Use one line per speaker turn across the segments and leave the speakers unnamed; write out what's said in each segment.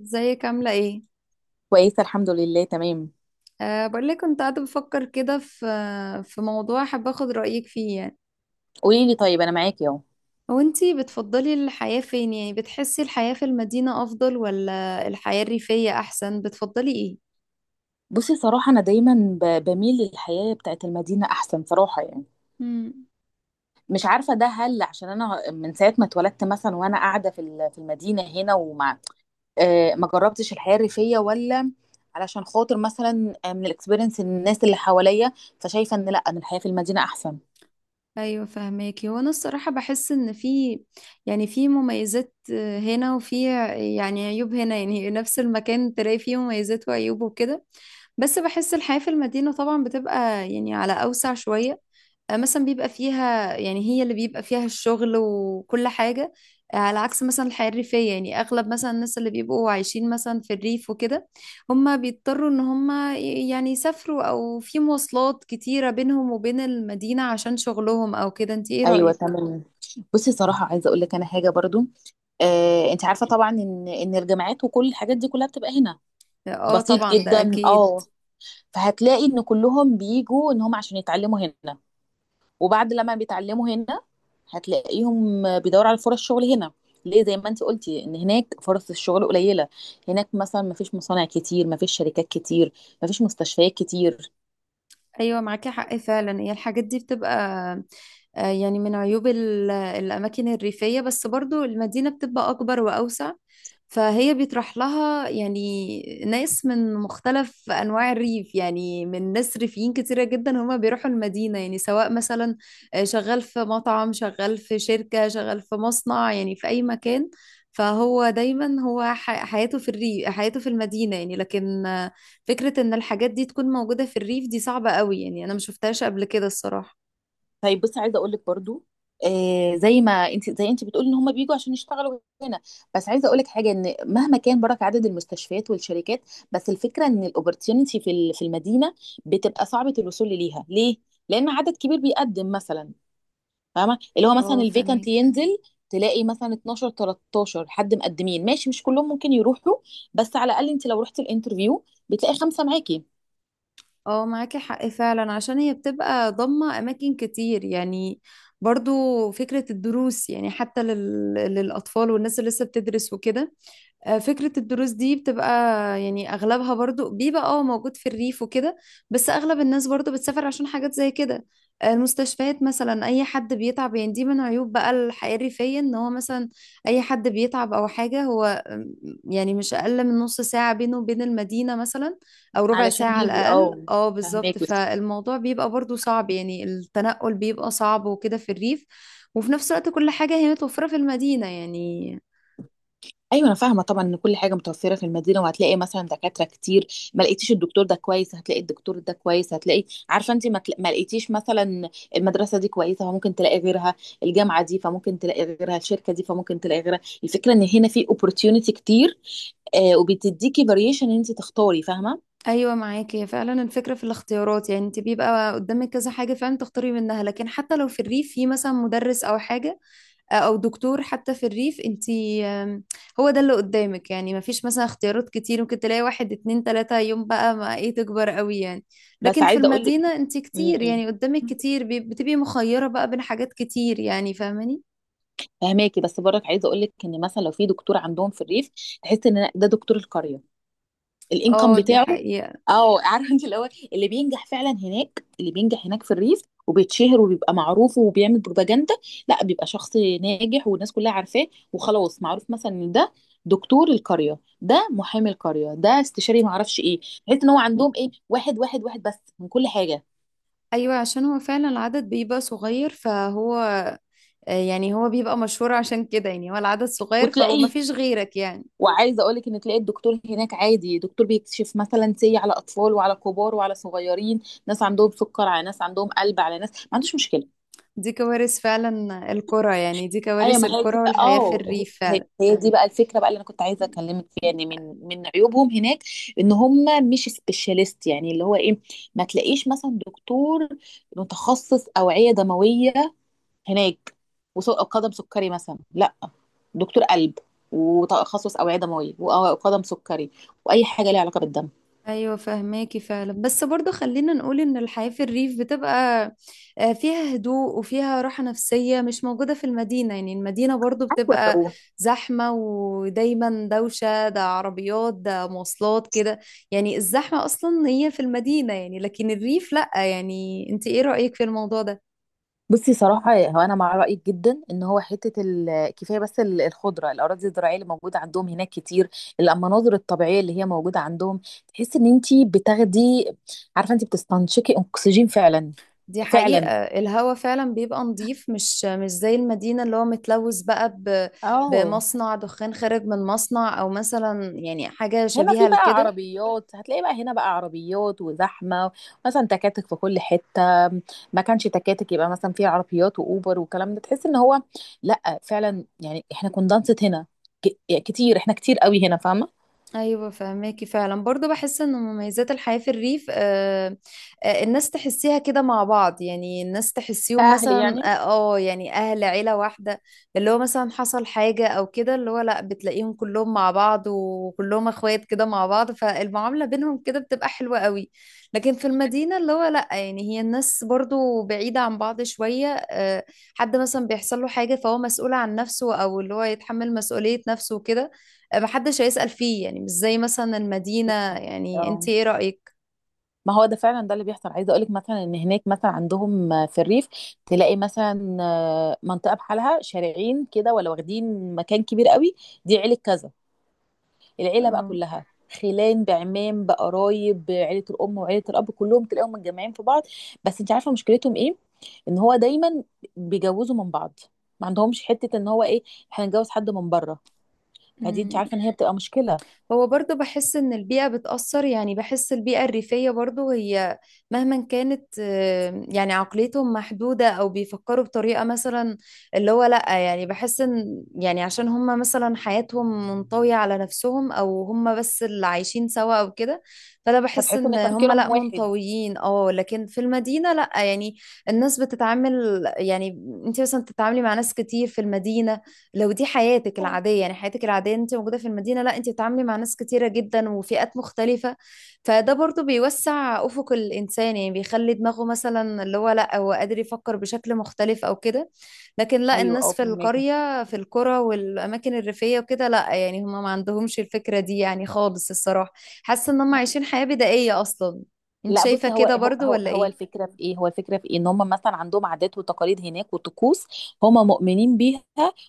ازيك عاملة ايه؟
كويسة الحمد لله تمام.
أه، بقول لك كنت قاعدة بفكر كده في موضوع حابة اخد رأيك فيه يعني.
قولي لي، طيب أنا معاكي أهو.
هو انتي بتفضلي الحياة فين، يعني بتحسي الحياة في المدينة أفضل ولا الحياة الريفية أحسن، بتفضلي ايه؟
بصي صراحة أنا دايما بميل للحياة بتاعت المدينة أحسن صراحة يعني.
امم.
مش عارفة ده هل عشان أنا من ساعة ما اتولدت مثلا وأنا قاعدة في المدينة هنا وما آه ما جربتش الحياة الريفية ولا علشان خاطر مثلا، من الاكسبيرينس الناس اللي حواليا، فشايفة إن لأ، أن الحياة في المدينة أحسن.
ايوه، فهماكي. هو انا الصراحة بحس ان في يعني في مميزات هنا، وفي يعني عيوب هنا، يعني نفس المكان تلاقي فيه مميزات وعيوب وكده. بس بحس الحياة في المدينة طبعا بتبقى، يعني، على أوسع شوية. مثلا بيبقى فيها، يعني هي اللي بيبقى فيها الشغل وكل حاجة، على عكس مثلا الحياة الريفية. يعني أغلب مثلا الناس اللي بيبقوا عايشين مثلا في الريف وكده، هم بيضطروا إن هم يعني يسافروا، أو في مواصلات كتيرة بينهم وبين المدينة عشان شغلهم أو كده. أنت إيه
أيوة
رأيك؟
تمام. بصي صراحة عايزة أقول لك أنا حاجة برضو، آه أنت عارفة طبعا إن الجامعات وكل الحاجات دي كلها بتبقى هنا.
آه،
بسيط
طبعا ده
جدا
أكيد.
اه. فهتلاقي ان كلهم بيجوا ان هم عشان يتعلموا هنا، وبعد لما بيتعلموا هنا هتلاقيهم بيدوروا على فرص شغل هنا. ليه؟ زي ما انت قلتي ان هناك فرص الشغل قليله. هناك مثلا مفيش مصانع كتير، مفيش شركات كتير، مفيش مستشفيات كتير.
ايوه، معاكي حق فعلا، هي الحاجات دي بتبقى يعني من عيوب الاماكن الريفيه. بس برضو المدينه بتبقى اكبر واوسع، فهي بيطرح لها، يعني، ناس من مختلف انواع الريف، يعني من ناس ريفيين كتيره جدا هما بيروحوا المدينه، يعني سواء مثلا شغال في مطعم، شغال في شركه، شغال في مصنع، يعني في اي مكان. فهو دايما هو حياته في الريف، حياته في المدينه، يعني. لكن فكرة ان الحاجات دي تكون موجودة في الريف دي صعبة قوي، يعني انا ما شفتهاش قبل كده الصراحة.
طيب بصي عايزه اقول لك برضو آه، زي ما انت زي انت بتقولي ان هم بيجوا عشان يشتغلوا هنا. بس عايزه اقول لك حاجه، ان مهما كان برك عدد المستشفيات والشركات، بس الفكره ان الاوبورتيونيتي في المدينه بتبقى صعبه الوصول ليها. ليه؟ لان عدد كبير بيقدم مثلا، فاهمه؟ اللي هو مثلا
اه،
الفيكانت
فاهمك.
ينزل، تلاقي مثلا 12 13 حد مقدمين، ماشي، مش كلهم ممكن يروحوا. بس على الاقل انت لو رحت الانترفيو بتلاقي خمسه معاكي
اه، معاكي حق فعلا، عشان هي بتبقى ضامة اماكن كتير يعني. برضو فكرة الدروس، يعني حتى للأطفال والناس اللي لسه بتدرس وكده. فكرة الدروس دي بتبقى، يعني أغلبها برضو بيبقى موجود في الريف وكده، بس أغلب الناس برضو بتسافر عشان حاجات زي كده. المستشفيات مثلا، أي حد بيتعب، يعني دي من عيوب بقى الحياة الريفية، إن هو مثلا أي حد بيتعب أو حاجة، هو يعني مش أقل من نص ساعة بينه وبين المدينة مثلا، أو ربع
علشان
ساعة على
يجي،
الأقل.
اه
اه بالظبط،
فاهماكي.
فالموضوع بيبقى برضو صعب، يعني التنقل بيبقى صعب وكده في الريف. وفي نفس الوقت كل حاجة هي متوفرة في المدينة يعني.
ايوه انا فاهمه طبعا ان كل حاجه متوفره في المدينه، وهتلاقي مثلا دكاتره كتير. ما لقيتيش الدكتور ده كويس، هتلاقي الدكتور ده كويس، هتلاقي. عارفه انت، ما لقيتيش مثلا المدرسه دي كويسه، فممكن تلاقي غيرها. الجامعه دي، فممكن تلاقي غيرها. الشركه دي، فممكن تلاقي غيرها. الفكره ان هنا في opportunity كتير، آه وبتديكي variation ان انت تختاري، فاهمه؟
ايوه، معاكي. هي فعلا الفكره في الاختيارات، يعني انت بيبقى قدامك كذا حاجه فعلا تختاري منها. لكن حتى لو في الريف في مثلا مدرس او حاجه او دكتور، حتى في الريف انت آم، هو ده اللي قدامك، يعني ما فيش مثلا اختيارات كتير، ممكن تلاقي واحد اتنين تلاته، يوم بقى ما ايه تكبر قوي يعني.
بس
لكن في
عايزه اقول لك،
المدينه انت كتير، يعني قدامك كتير، بتبقي مخيره بقى بين حاجات كتير، يعني فاهماني.
فهماكي بس برك عايزه اقول لك ان مثلا لو في دكتور عندهم في الريف، تحس ان ده دكتور القريه، الانكم
اه، دي
بتاعه.
حقيقة.
اه عارفه انت، اللي هو اللي بينجح فعلا هناك، اللي بينجح هناك في الريف وبيتشهر وبيبقى معروف وبيعمل بروباجندا، لا بيبقى شخص ناجح والناس كلها عارفاه وخلاص. معروف مثلا ان ده دكتور القريه، ده محامي القريه، ده استشاري ما اعرفش ايه. تحس ان هو عندهم ايه، واحد واحد واحد بس من كل حاجه.
ايوه، عشان هو فعلا العدد بيبقى صغير، فهو يعني هو بيبقى مشهور عشان كده، يعني هو العدد صغير فما
وتلاقيه،
فيش غيرك يعني.
وعايزه اقول لك ان تلاقي الدكتور هناك عادي دكتور بيكشف مثلا سي على اطفال وعلى كبار وعلى صغيرين، ناس عندهم سكر، على ناس عندهم قلب، على ناس ما عندوش مشكله.
دي كوارث فعلا القرى، يعني دي
ايوه
كوارث
ما هي دي
القرى
بقى
والحياة في
اه،
الريف
هي
فعلا.
هي دي بقى الفكره بقى اللي انا كنت عايزه اكلمك فيها يعني، من عيوبهم هناك ان هم مش سبيشاليست، يعني اللي هو ايه، ما تلاقيش مثلا دكتور متخصص اوعيه دمويه هناك وقدم سكري مثلا، لا دكتور قلب وتخصص اوعيه دمويه وقدم سكري واي حاجه ليها علاقه بالدم.
ايوه، فهماكي فعلا، بس برضو خلينا نقول ان الحياة في الريف بتبقى فيها هدوء وفيها راحة نفسية مش موجودة في المدينة. يعني المدينة برضو بتبقى
ايوه.
زحمة ودايما دوشة، ده عربيات ده مواصلات كده، يعني الزحمة اصلا هي في المدينة يعني. لكن الريف لأ، يعني انت ايه رأيك في الموضوع ده؟
بصي صراحة هو أنا مع رأيك جدا، إن هو حتة كفاية بس الخضرة، الأراضي الزراعية اللي موجودة عندهم هناك كتير، المناظر الطبيعية اللي هي موجودة عندهم، تحس إن أنتي بتاخدي، عارفة أنتي بتستنشقي أكسجين فعلا.
دي حقيقة،
فعلا
الهوا فعلا بيبقى نظيف، مش زي المدينة اللي هو متلوث بقى
اه.
بمصنع دخان خارج من مصنع، أو مثلا يعني حاجة
هنا
شبيهة
في بقى
لكده.
عربيات، هتلاقي بقى هنا بقى عربيات وزحمه، مثلا تكاتك في كل حته، ما كانش تكاتك يبقى مثلا في عربيات واوبر والكلام ده، تحس ان هو لا فعلا، يعني احنا كنا دانسة هنا، كتير، احنا كتير قوي هنا، فاهمه؟
ايوه، فهماكي فعلا، برضه بحس ان مميزات الحياه في الريف، الناس تحسيها كده مع بعض، يعني الناس تحسيهم
كأهلي
مثلا
يعني.
يعني اهل عيله واحده، اللي هو مثلا حصل حاجه او كده، اللي هو لا، بتلاقيهم كلهم مع بعض وكلهم اخوات كده مع بعض، فالمعامله بينهم كده بتبقى حلوه قوي. لكن في المدينه اللي هو لا، يعني هي الناس برضه بعيده عن بعض شويه، حد مثلا بيحصل له حاجه فهو مسؤول عن نفسه، او اللي هو يتحمل مسؤوليه نفسه وكده، محدش هيسأل فيه، يعني مش زي مثلا المدينة، يعني انت
اه
ايه رأيك؟
ما هو ده فعلا ده اللي بيحصل. عايزه اقول لك مثلا ان هناك مثلا عندهم في الريف، تلاقي مثلا، منطقه بحالها شارعين كده ولا واخدين مكان كبير قوي، دي عيله كذا، العيله بقى كلها، خلان بعمام بقرايب بعيله الام وعيله الاب كلهم تلاقيهم متجمعين في بعض. بس انت عارفه مشكلتهم ايه؟ ان هو دايما بيجوزوا من بعض، ما عندهمش حته ان هو ايه، احنا نجوز حد من بره. فدي انت
أم،
عارفه ان هي بتبقى مشكله.
هو برضو بحس ان البيئة بتأثر، يعني بحس البيئة الريفية برضو هي مهما كانت يعني عقليتهم محدودة، او بيفكروا بطريقة مثلا اللي هو لأ. يعني بحس ان يعني عشان هم مثلا حياتهم منطوية على نفسهم، او هم بس اللي عايشين سوا او كده، فانا بحس
فتحس
ان
ان
هم
تفكيرهم
لأ
واحد.
منطويين. اه لكن في المدينة لأ، يعني الناس بتتعامل يعني. انت مثلا بتتعاملي مع ناس كتير في المدينة، لو دي حياتك العادية، يعني حياتك العادية انت موجودة في المدينة، لا انت بتتعاملي مع ناس كتيرة جدا وفئات مختلفة، فده برضو بيوسع أفق الإنسان، يعني بيخلي دماغه مثلا اللي هو لا، هو قادر يفكر بشكل مختلف أو كده. لكن لا،
ايوه اه
الناس في
فهمك.
القرية، في القرى والأماكن الريفية وكده، لا، يعني هم ما عندهمش الفكرة دي يعني خالص الصراحة. حاسة ان هم عايشين حياة بدائية أصلا، انت
لا
شايفة
بصي، هو
كده
هو
برضو
هو
ولا
هو
ايه؟
الفكره في ايه، هو الفكره في ايه، ان هم مثلا عندهم عادات وتقاليد هناك وطقوس، هم مؤمنين بيها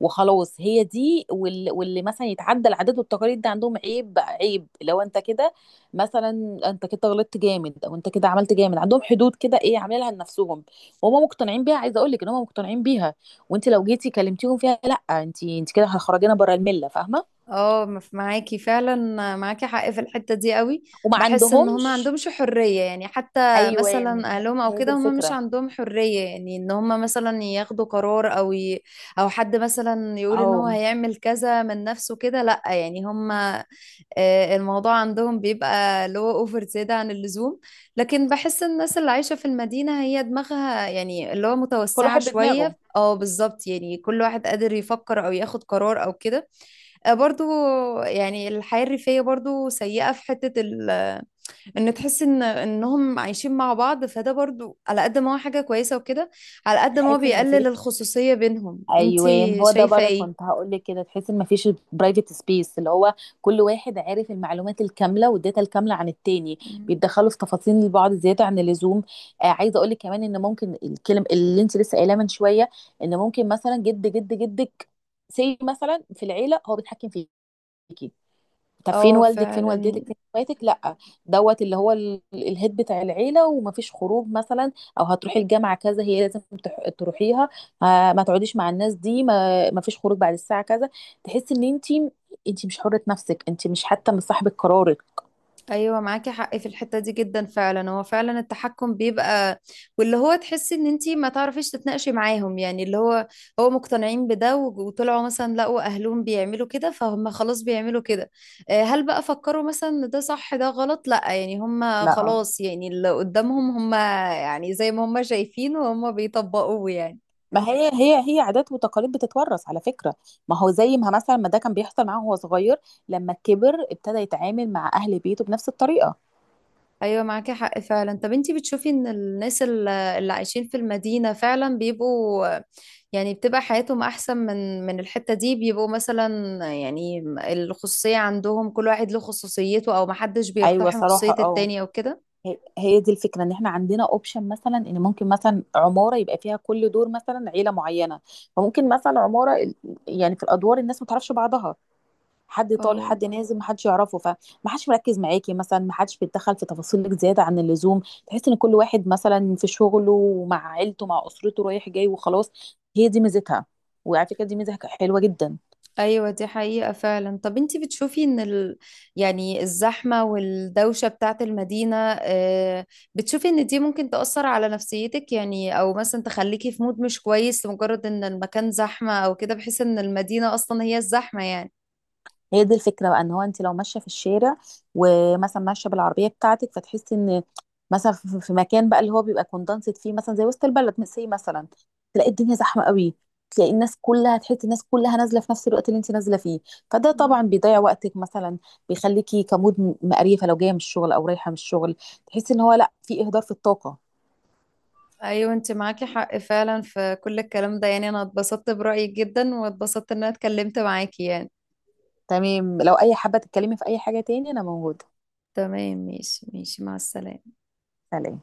وخلاص هي دي، واللي مثلا يتعدى العادات والتقاليد ده عندهم عيب، عيب. لو انت كده مثلا، انت كده غلطت جامد، او انت كده عملت جامد، عندهم حدود كده ايه عاملينها لنفسهم، وهم مقتنعين بيها. عايزه اقول لك ان هم مقتنعين بيها، وانت لو جيتي كلمتيهم فيها، لا انت، انت كده هتخرجينا بره المله، فاهمه؟
اه، معاكي فعلا، معاكي حق في الحتة دي قوي.
وما
بحس ان هما
عندهمش.
عندهمش حرية، يعني حتى
ايوه
مثلا اهلهم او
هي دي
كده، هما مش
الفكره.
عندهم حرية، يعني ان هما مثلا ياخدوا قرار او او حد مثلا يقول ان
او
هو هيعمل كذا من نفسه كده، لا يعني هما الموضوع عندهم بيبقى اللي هو اوفر، زيادة عن اللزوم. لكن بحس الناس اللي عايشة في المدينة هي دماغها، يعني اللي هو
كل
متوسعة
واحد بدماغه.
شوية، بالظبط، يعني كل واحد قادر يفكر او ياخد قرار او كده، برضو. يعني الحياة الريفية برضو سيئة في حتة ان تحس ان انهم عايشين مع بعض، فده برضو على قد ما هو حاجة كويسة وكده، على قد ما هو
تحس ان
بيقلل
مفيش،
الخصوصية بينهم.
ايوان
انتي
هو ده
شايفة
بره
ايه؟
كنت هقول لك كده، تحس ان مفيش برايفت سبيس، اللي هو كل واحد عارف المعلومات الكامله والداتا الكامله عن التاني،
مم.
بيتدخلوا في تفاصيل البعض زياده عن اللزوم. آه عايزه اقول لك كمان، ان ممكن الكلم اللي انت لسه قايلاه من شويه، ان ممكن مثلا جد جدك سي مثلا في العيله هو بيتحكم فيكي، طب فين
اه،
والدك، فين
فعلا.
والدتك، فين اخواتك، لا دوت، اللي هو الهيد بتاع العيله، ومفيش خروج مثلا، او هتروحي الجامعه كذا، هي لازم تروحيها، ما تقعديش مع الناس دي، ما مفيش خروج بعد الساعه كذا، تحسي ان انت، انت مش حره نفسك، انت مش حتى من صاحبه قرارك.
ايوه، معاكي حق في الحته دي جدا، فعلا هو فعلا التحكم بيبقى، واللي هو تحسي ان انتي ما تعرفيش تتناقشي معاهم، يعني اللي هو هو مقتنعين بده، وطلعوا مثلا لقوا اهلهم بيعملوا كده فهم خلاص بيعملوا كده. هل بقى فكروا مثلا إن ده صح ده غلط؟ لا، يعني هم
لا
خلاص، يعني اللي قدامهم هم، يعني زي ما هم شايفين وهم بيطبقوه يعني.
ما هي، هي عادات وتقاليد بتتورث على فكرة، ما هو زي ما مثلا، ما ده كان بيحصل معاه وهو صغير، لما كبر ابتدى يتعامل مع أهل بيته بنفس الطريقة.
ايوه، معاكي حق فعلا. طب انتي بتشوفي ان الناس اللي عايشين في المدينة فعلا بيبقوا، يعني بتبقى حياتهم احسن من الحتة دي؟ بيبقوا مثلا، يعني الخصوصية عندهم، كل واحد له خصوصيته، او محدش
أيوة
بيقتحم
صراحة
خصوصية
اه.
التاني او كده.
هي دي الفكرة ان احنا عندنا اوبشن مثلا، ان ممكن مثلا عمارة يبقى فيها كل دور مثلا عيلة معينة، فممكن مثلا عمارة يعني في الادوار الناس ما تعرفش بعضها، حد طالع
اه،
حد نازل ما حدش يعرفه، فما حدش مركز معاكي مثلا، ما حدش بيتدخل في تفاصيلك زيادة عن اللزوم، تحس ان كل واحد مثلا في شغله ومع عيلته مع اسرته رايح جاي وخلاص. هي دي ميزتها، وعلى فكرة دي ميزة حلوة جدا.
ايوه دي حقيقة فعلا. طب انتي بتشوفي ان يعني الزحمة والدوشة بتاعت المدينة، آه، بتشوفي ان دي ممكن تأثر على نفسيتك، يعني او مثلا تخليكي في مود مش كويس لمجرد ان المكان زحمة او كده، بحيث ان المدينة اصلا هي الزحمة يعني.
هي دي الفكره بقى ان هو انت لو ماشيه في الشارع، ومثلا ماشيه بالعربيه بتاعتك، فتحسي ان مثلا في مكان بقى اللي هو بيبقى كوندنسد فيه، مثلا زي وسط البلد مثلا، تلاقي الدنيا زحمه قوي، تلاقي الناس كلها، تحسي الناس كلها نازله في نفس الوقت اللي انت نازله فيه، فده طبعا
مم.
بيضيع وقتك مثلا، بيخليكي كمود مقريفه، لو جايه من الشغل او رايحه من الشغل، تحسي ان هو لا، في اهدار في الطاقه.
ايوه، انت معاكي حق فعلا في كل الكلام ده، يعني انا اتبسطت برأيك جدا، واتبسطت ان انا اتكلمت معاكي يعني.
تمام، لو اي حابه تتكلمي في اي حاجه تاني انا موجوده.
تمام، ماشي ماشي، مع السلامة.
سلام.